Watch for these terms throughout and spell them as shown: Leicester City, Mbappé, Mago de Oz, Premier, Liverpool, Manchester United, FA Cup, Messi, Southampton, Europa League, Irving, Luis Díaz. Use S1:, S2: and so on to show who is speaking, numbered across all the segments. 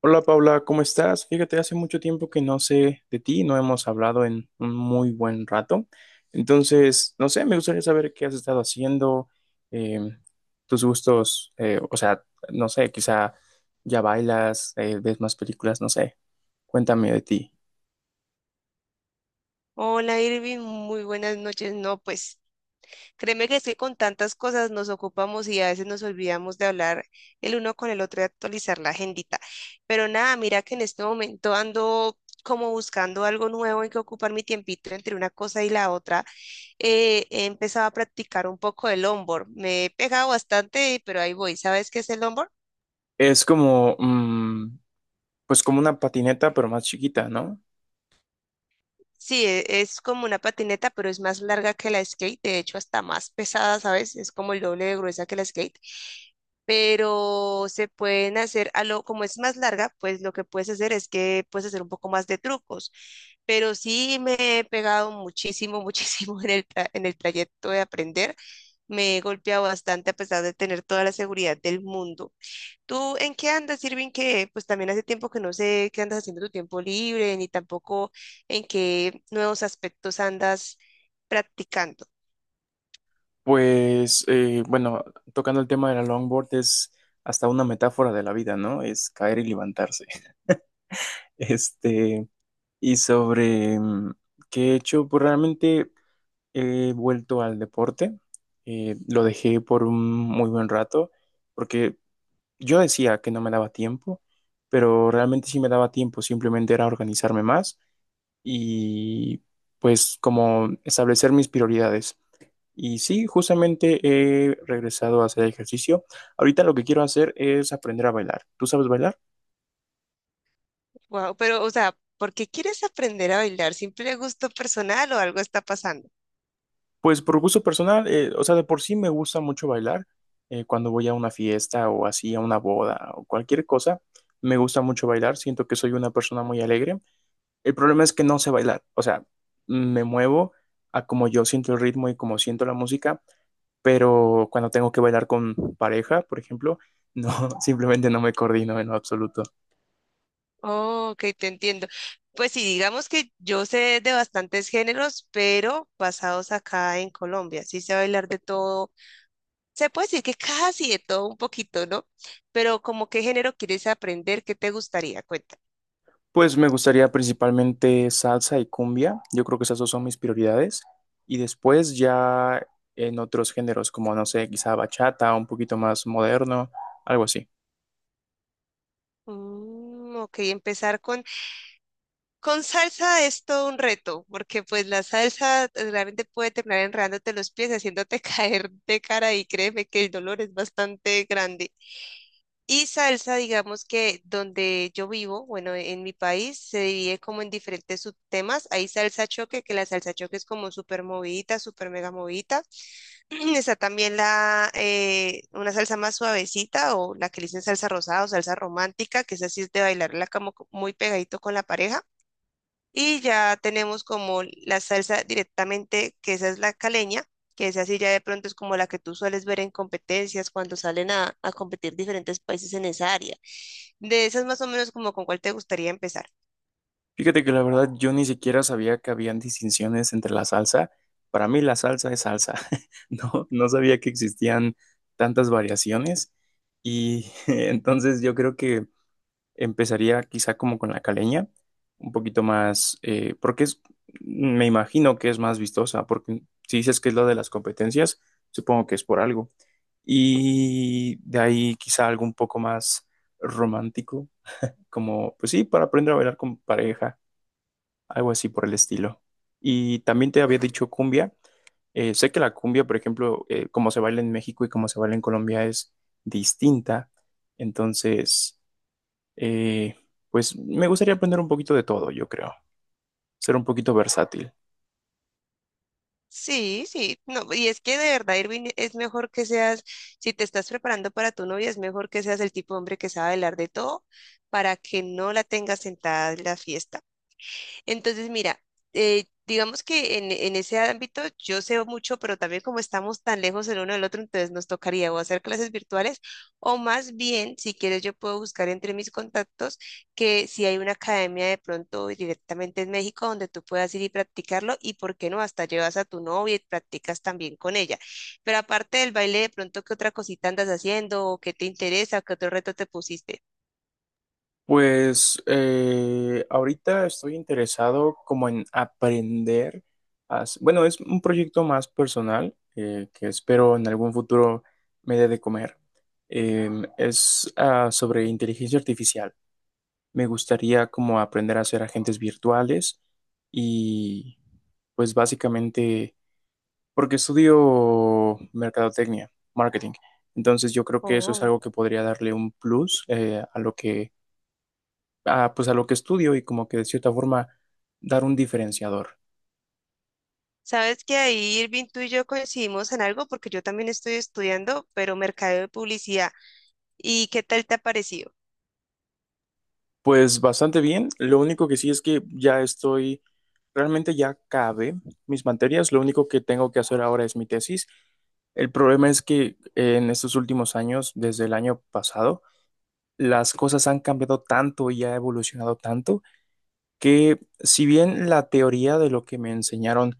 S1: Hola Paula, ¿cómo estás? Fíjate, hace mucho tiempo que no sé de ti, no hemos hablado en un muy buen rato. Entonces, no sé, me gustaría saber qué has estado haciendo, eh, tus gustos, o sea, no sé, quizá ya bailas, ves más películas, no sé. Cuéntame de ti.
S2: Hola Irving, muy buenas noches. No, pues créeme que es que con tantas cosas nos ocupamos y a veces nos olvidamos de hablar el uno con el otro y actualizar la agendita. Pero nada, mira que en este momento ando como buscando algo nuevo en que ocupar mi tiempito entre una cosa y la otra. He empezado a practicar un poco el longboard. Me he pegado bastante, pero ahí voy. ¿Sabes qué es el longboard?
S1: Es como, mm, pues como una patineta, pero más chiquita, ¿no?
S2: Sí, es como una patineta, pero es más larga que la skate, de hecho hasta más pesada, ¿sabes? Es como el doble de gruesa que la skate. Pero se pueden hacer, a lo, como es más larga, pues lo que puedes hacer es que puedes hacer un poco más de trucos. Pero sí me he pegado muchísimo, muchísimo en el, en el trayecto de aprender. Me he golpeado bastante a pesar de tener toda la seguridad del mundo. ¿Tú en qué andas, Irving? Que pues también hace tiempo que no sé qué andas haciendo en tu tiempo libre, ni tampoco en qué nuevos aspectos andas practicando.
S1: Pues, bueno, tocando el tema de la longboard es hasta una metáfora de la vida, ¿no? Es caer y levantarse. Este, y sobre qué he hecho, pues realmente he vuelto al deporte. Lo dejé por un muy buen rato, porque yo decía que no me daba tiempo, pero realmente sí me daba tiempo, simplemente era organizarme más y pues como establecer mis prioridades. Y sí, justamente he regresado a hacer ejercicio. Ahorita lo que quiero hacer es aprender a bailar. ¿Tú sabes bailar?
S2: Wow, pero, o sea, ¿por qué quieres aprender a bailar? ¿Simple gusto personal o algo está pasando?
S1: Pues por gusto personal, o sea, de por sí me gusta mucho bailar. Cuando voy a una fiesta o así, a una boda o cualquier cosa, me gusta mucho bailar. Siento que soy una persona muy alegre. El problema es que no sé bailar. O sea, me muevo a como yo siento el ritmo y como siento la música, pero cuando tengo que bailar con pareja, por ejemplo, no, simplemente no me coordino en lo absoluto.
S2: Oh, ok, te entiendo. Pues sí, digamos que yo sé de bastantes géneros, pero basados acá en Colombia. Sí sé bailar de todo. Se puede decir que casi de todo un poquito, ¿no? Pero como qué género quieres aprender, ¿qué te gustaría? Cuéntame.
S1: Pues me gustaría principalmente salsa y cumbia. Yo creo que esas dos son mis prioridades. Y después ya en otros géneros, como no sé, quizá bachata, un poquito más moderno, algo así.
S2: Mm, ok, empezar con salsa es todo un reto, porque pues la salsa realmente puede terminar enredándote los pies, haciéndote caer de cara y créeme que el dolor es bastante grande. Y salsa, digamos que donde yo vivo, bueno, en mi país se divide como en diferentes subtemas. Hay salsa choque, que la salsa choque es como súper movidita, súper mega movidita. Está también una salsa más suavecita o la que le dicen salsa rosada o salsa romántica, que es así es de bailarla como muy pegadito con la pareja. Y ya tenemos como la salsa directamente, que esa es la caleña, que es así ya de pronto es como la que tú sueles ver en competencias cuando salen a competir diferentes países en esa área. De esas más o menos como con cuál te gustaría empezar.
S1: Fíjate que la verdad yo ni siquiera sabía que habían distinciones entre la salsa. Para mí la salsa es salsa. No, no sabía que existían tantas variaciones. Y entonces yo creo que empezaría quizá como con la caleña, un poquito más, porque es, me imagino que es más vistosa, porque si dices que es lo de las competencias, supongo que es por algo. Y de ahí quizá algo un poco más romántico, como, pues sí, para aprender a bailar con pareja, algo así por el estilo. Y también te había dicho cumbia. Sé que la cumbia, por ejemplo, como se baila en México y como se baila en Colombia es distinta. Entonces, eh, pues me gustaría aprender un poquito de todo, yo creo, ser un poquito versátil.
S2: Sí, sí, no, y es que de verdad, Irving, es mejor que seas, si te estás preparando para tu novia, es mejor que seas el tipo de hombre que sabe hablar de todo para que no la tengas sentada en la fiesta. Entonces, mira, digamos que en ese ámbito yo sé mucho, pero también como estamos tan lejos el uno del otro, entonces nos tocaría o hacer clases virtuales o más bien, si quieres, yo puedo buscar entre mis contactos que si hay una academia de pronto directamente en México donde tú puedas ir y practicarlo y, ¿por qué no? Hasta llevas a tu novia y practicas también con ella. Pero aparte del baile, de pronto, ¿qué otra cosita andas haciendo? ¿O qué te interesa? ¿Qué otro reto te pusiste?
S1: Pues ahorita estoy interesado como en aprender bueno, es un proyecto más personal que espero en algún futuro me dé de comer. Eh, es sobre inteligencia artificial. Me gustaría como aprender a hacer agentes virtuales y pues básicamente porque estudio mercadotecnia, marketing. Entonces yo creo que eso es
S2: Oh.
S1: algo que podría darle un plus a pues a lo que estudio y como que de cierta forma dar un diferenciador.
S2: Sabes que ahí Irving tú y yo coincidimos en algo porque yo también estoy estudiando, pero mercadeo de publicidad. ¿Y qué tal te ha parecido?
S1: Pues bastante bien. Lo único que sí es que realmente ya acabé mis materias. Lo único que tengo que hacer ahora es mi tesis. El problema es que en estos últimos años, desde el año pasado, las cosas han cambiado tanto y ha evolucionado tanto que si bien la teoría de lo que me enseñaron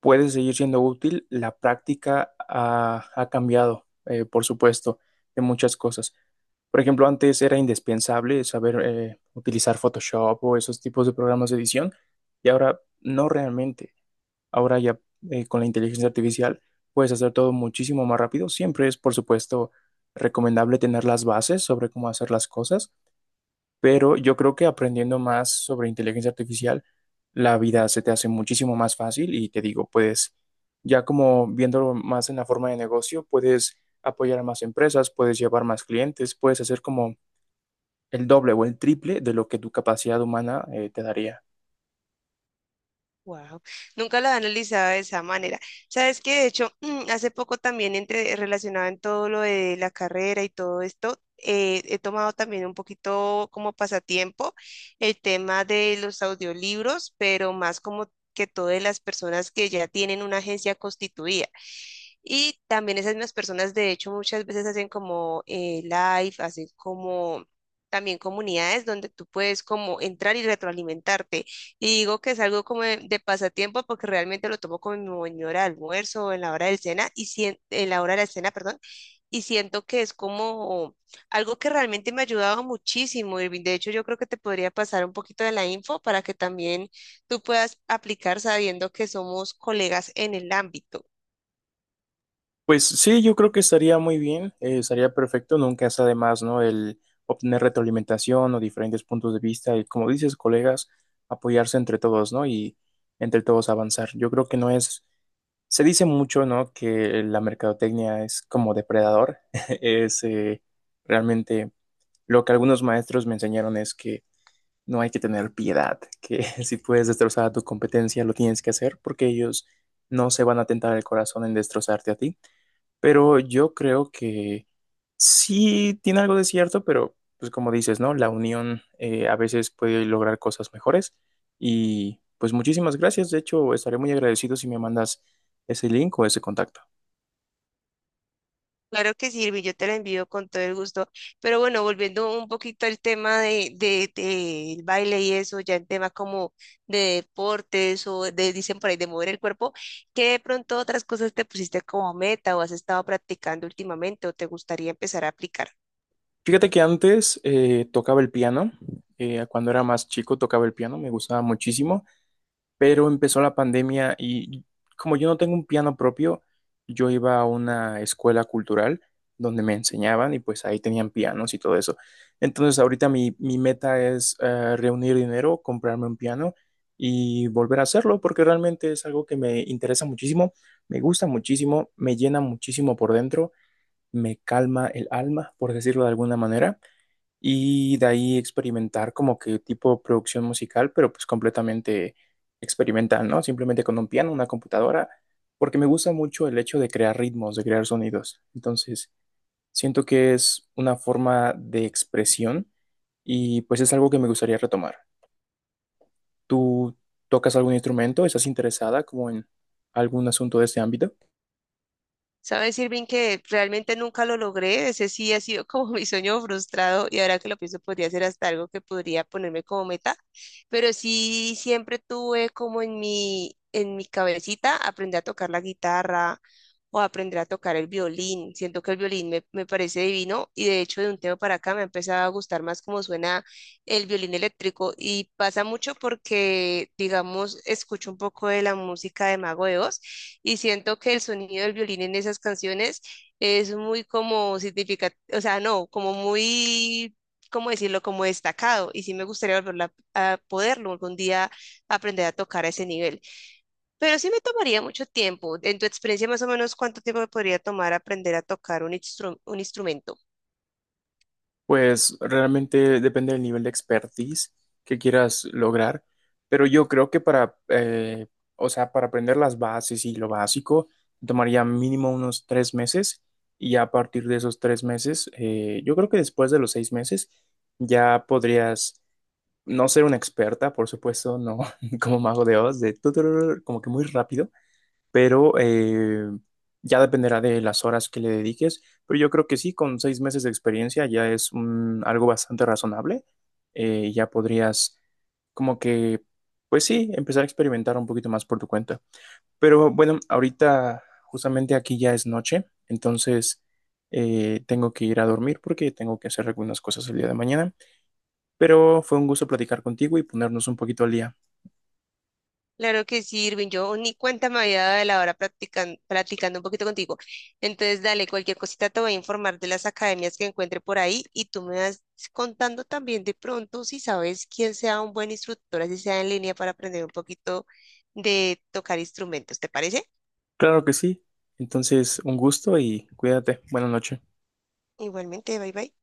S1: puede seguir siendo útil, la práctica ha cambiado, por supuesto, en muchas cosas. Por ejemplo, antes era indispensable saber utilizar Photoshop o esos tipos de programas de edición y ahora no realmente. Ahora ya con la inteligencia artificial puedes hacer todo muchísimo más rápido. Siempre es, por supuesto, recomendable tener las bases sobre cómo hacer las cosas pero yo creo que aprendiendo más sobre inteligencia artificial, la vida se te hace muchísimo más fácil y te digo, ya como viéndolo más en la forma de negocio, puedes apoyar a más empresas, puedes llevar más clientes, puedes hacer como el doble o el triple de lo que tu capacidad humana te daría.
S2: Wow, nunca la he analizado de esa manera. Sabes que de hecho, hace poco también entre, relacionado en todo lo de la carrera y todo esto, he tomado también un poquito como pasatiempo el tema de los audiolibros, pero más como que todas las personas que ya tienen una agencia constituida. Y también esas mismas personas, de hecho, muchas veces hacen como live, hacen como también comunidades donde tú puedes como entrar y retroalimentarte. Y digo que es algo como de pasatiempo porque realmente lo tomo como en mi hora de almuerzo, o en la hora del cena, y en la hora de la cena, perdón, y siento que es como algo que realmente me ha ayudado muchísimo, Irving. De hecho, yo creo que te podría pasar un poquito de la info para que también tú puedas aplicar sabiendo que somos colegas en el ámbito.
S1: Pues sí, yo creo que estaría muy bien, estaría perfecto, nunca es además, ¿no? El obtener retroalimentación o diferentes puntos de vista y, como dices, colegas, apoyarse entre todos, ¿no? Y entre todos avanzar. Yo creo que no es, se dice mucho, ¿no? Que la mercadotecnia es como depredador, es realmente lo que algunos maestros me enseñaron es que no hay que tener piedad, que si puedes destrozar a tu competencia, lo tienes que hacer porque ellos no se van a tentar el corazón en destrozarte a ti. Pero yo creo que sí tiene algo de cierto, pero pues como dices, ¿no? La unión a veces puede lograr cosas mejores. Y pues muchísimas gracias. De hecho, estaré muy agradecido si me mandas ese link o ese contacto.
S2: Claro que sí, sirve, yo te la envío con todo el gusto. Pero bueno, volviendo un poquito al tema del baile y eso, ya en tema como de deportes o de, dicen por ahí, de mover el cuerpo, ¿qué de pronto otras cosas te pusiste como meta o has estado practicando últimamente o te gustaría empezar a aplicar?
S1: Fíjate que antes tocaba el piano. Cuando era más chico tocaba el piano, me gustaba muchísimo. Pero empezó la pandemia y como yo no tengo un piano propio, yo iba a una escuela cultural donde me enseñaban y pues ahí tenían pianos y todo eso. Entonces ahorita mi meta es reunir dinero, comprarme un piano y volver a hacerlo porque realmente es algo que me interesa muchísimo, me gusta muchísimo, me llena muchísimo por dentro, me calma el alma, por decirlo de alguna manera y de ahí experimentar como que tipo producción musical, pero pues completamente experimental, ¿no? Simplemente con un piano, una computadora, porque me gusta mucho el hecho de crear ritmos, de crear sonidos. Entonces, siento que es una forma de expresión y pues es algo que me gustaría retomar. ¿Tú tocas algún instrumento? ¿Estás interesada como en algún asunto de este ámbito?
S2: Sabes, Irving, que realmente nunca lo logré. Ese sí ha sido como mi sueño frustrado y ahora que lo pienso podría ser hasta algo que podría ponerme como meta. Pero sí siempre tuve como en en mi cabecita aprender a tocar la guitarra o aprender a tocar el violín. Siento que el violín me parece divino y de hecho de un tiempo para acá me ha empezado a gustar más cómo suena el violín eléctrico y pasa mucho porque, digamos, escucho un poco de la música de Mago de Oz y siento que el sonido del violín en esas canciones es muy como significativo, o sea, no, como muy, ¿cómo decirlo? Como destacado y sí me gustaría volver a poderlo algún día aprender a tocar a ese nivel. Pero sí me tomaría mucho tiempo. En tu experiencia, más o menos, ¿cuánto tiempo me podría tomar aprender a tocar un un instrumento?
S1: Pues realmente depende del nivel de expertise que quieras lograr, pero yo creo que para, o sea, para aprender las bases y lo básico, tomaría mínimo unos 3 meses y ya a partir de esos 3 meses, yo creo que después de los 6 meses ya podrías no ser una experta, por supuesto, no como mago de Oz, de tuturur, como que muy rápido, pero ya dependerá de las horas que le dediques, pero yo creo que sí, con 6 meses de experiencia ya es un- algo bastante razonable, ya podrías como que, pues sí, empezar a experimentar un poquito más por tu cuenta. Pero bueno, ahorita justamente aquí ya es noche, entonces tengo que ir a dormir porque tengo que hacer algunas cosas el día de mañana, pero fue un gusto platicar contigo y ponernos un poquito al día.
S2: Claro que sí, Irving. Yo ni cuenta me había dado de la hora platicando un poquito contigo. Entonces, dale, cualquier cosita te voy a informar de las academias que encuentre por ahí y tú me vas contando también de pronto si sabes quién sea un buen instructor, así sea en línea para aprender un poquito de tocar instrumentos. ¿Te parece?
S1: Claro que sí. Entonces, un gusto y cuídate. Buenas noches.
S2: Igualmente, bye bye.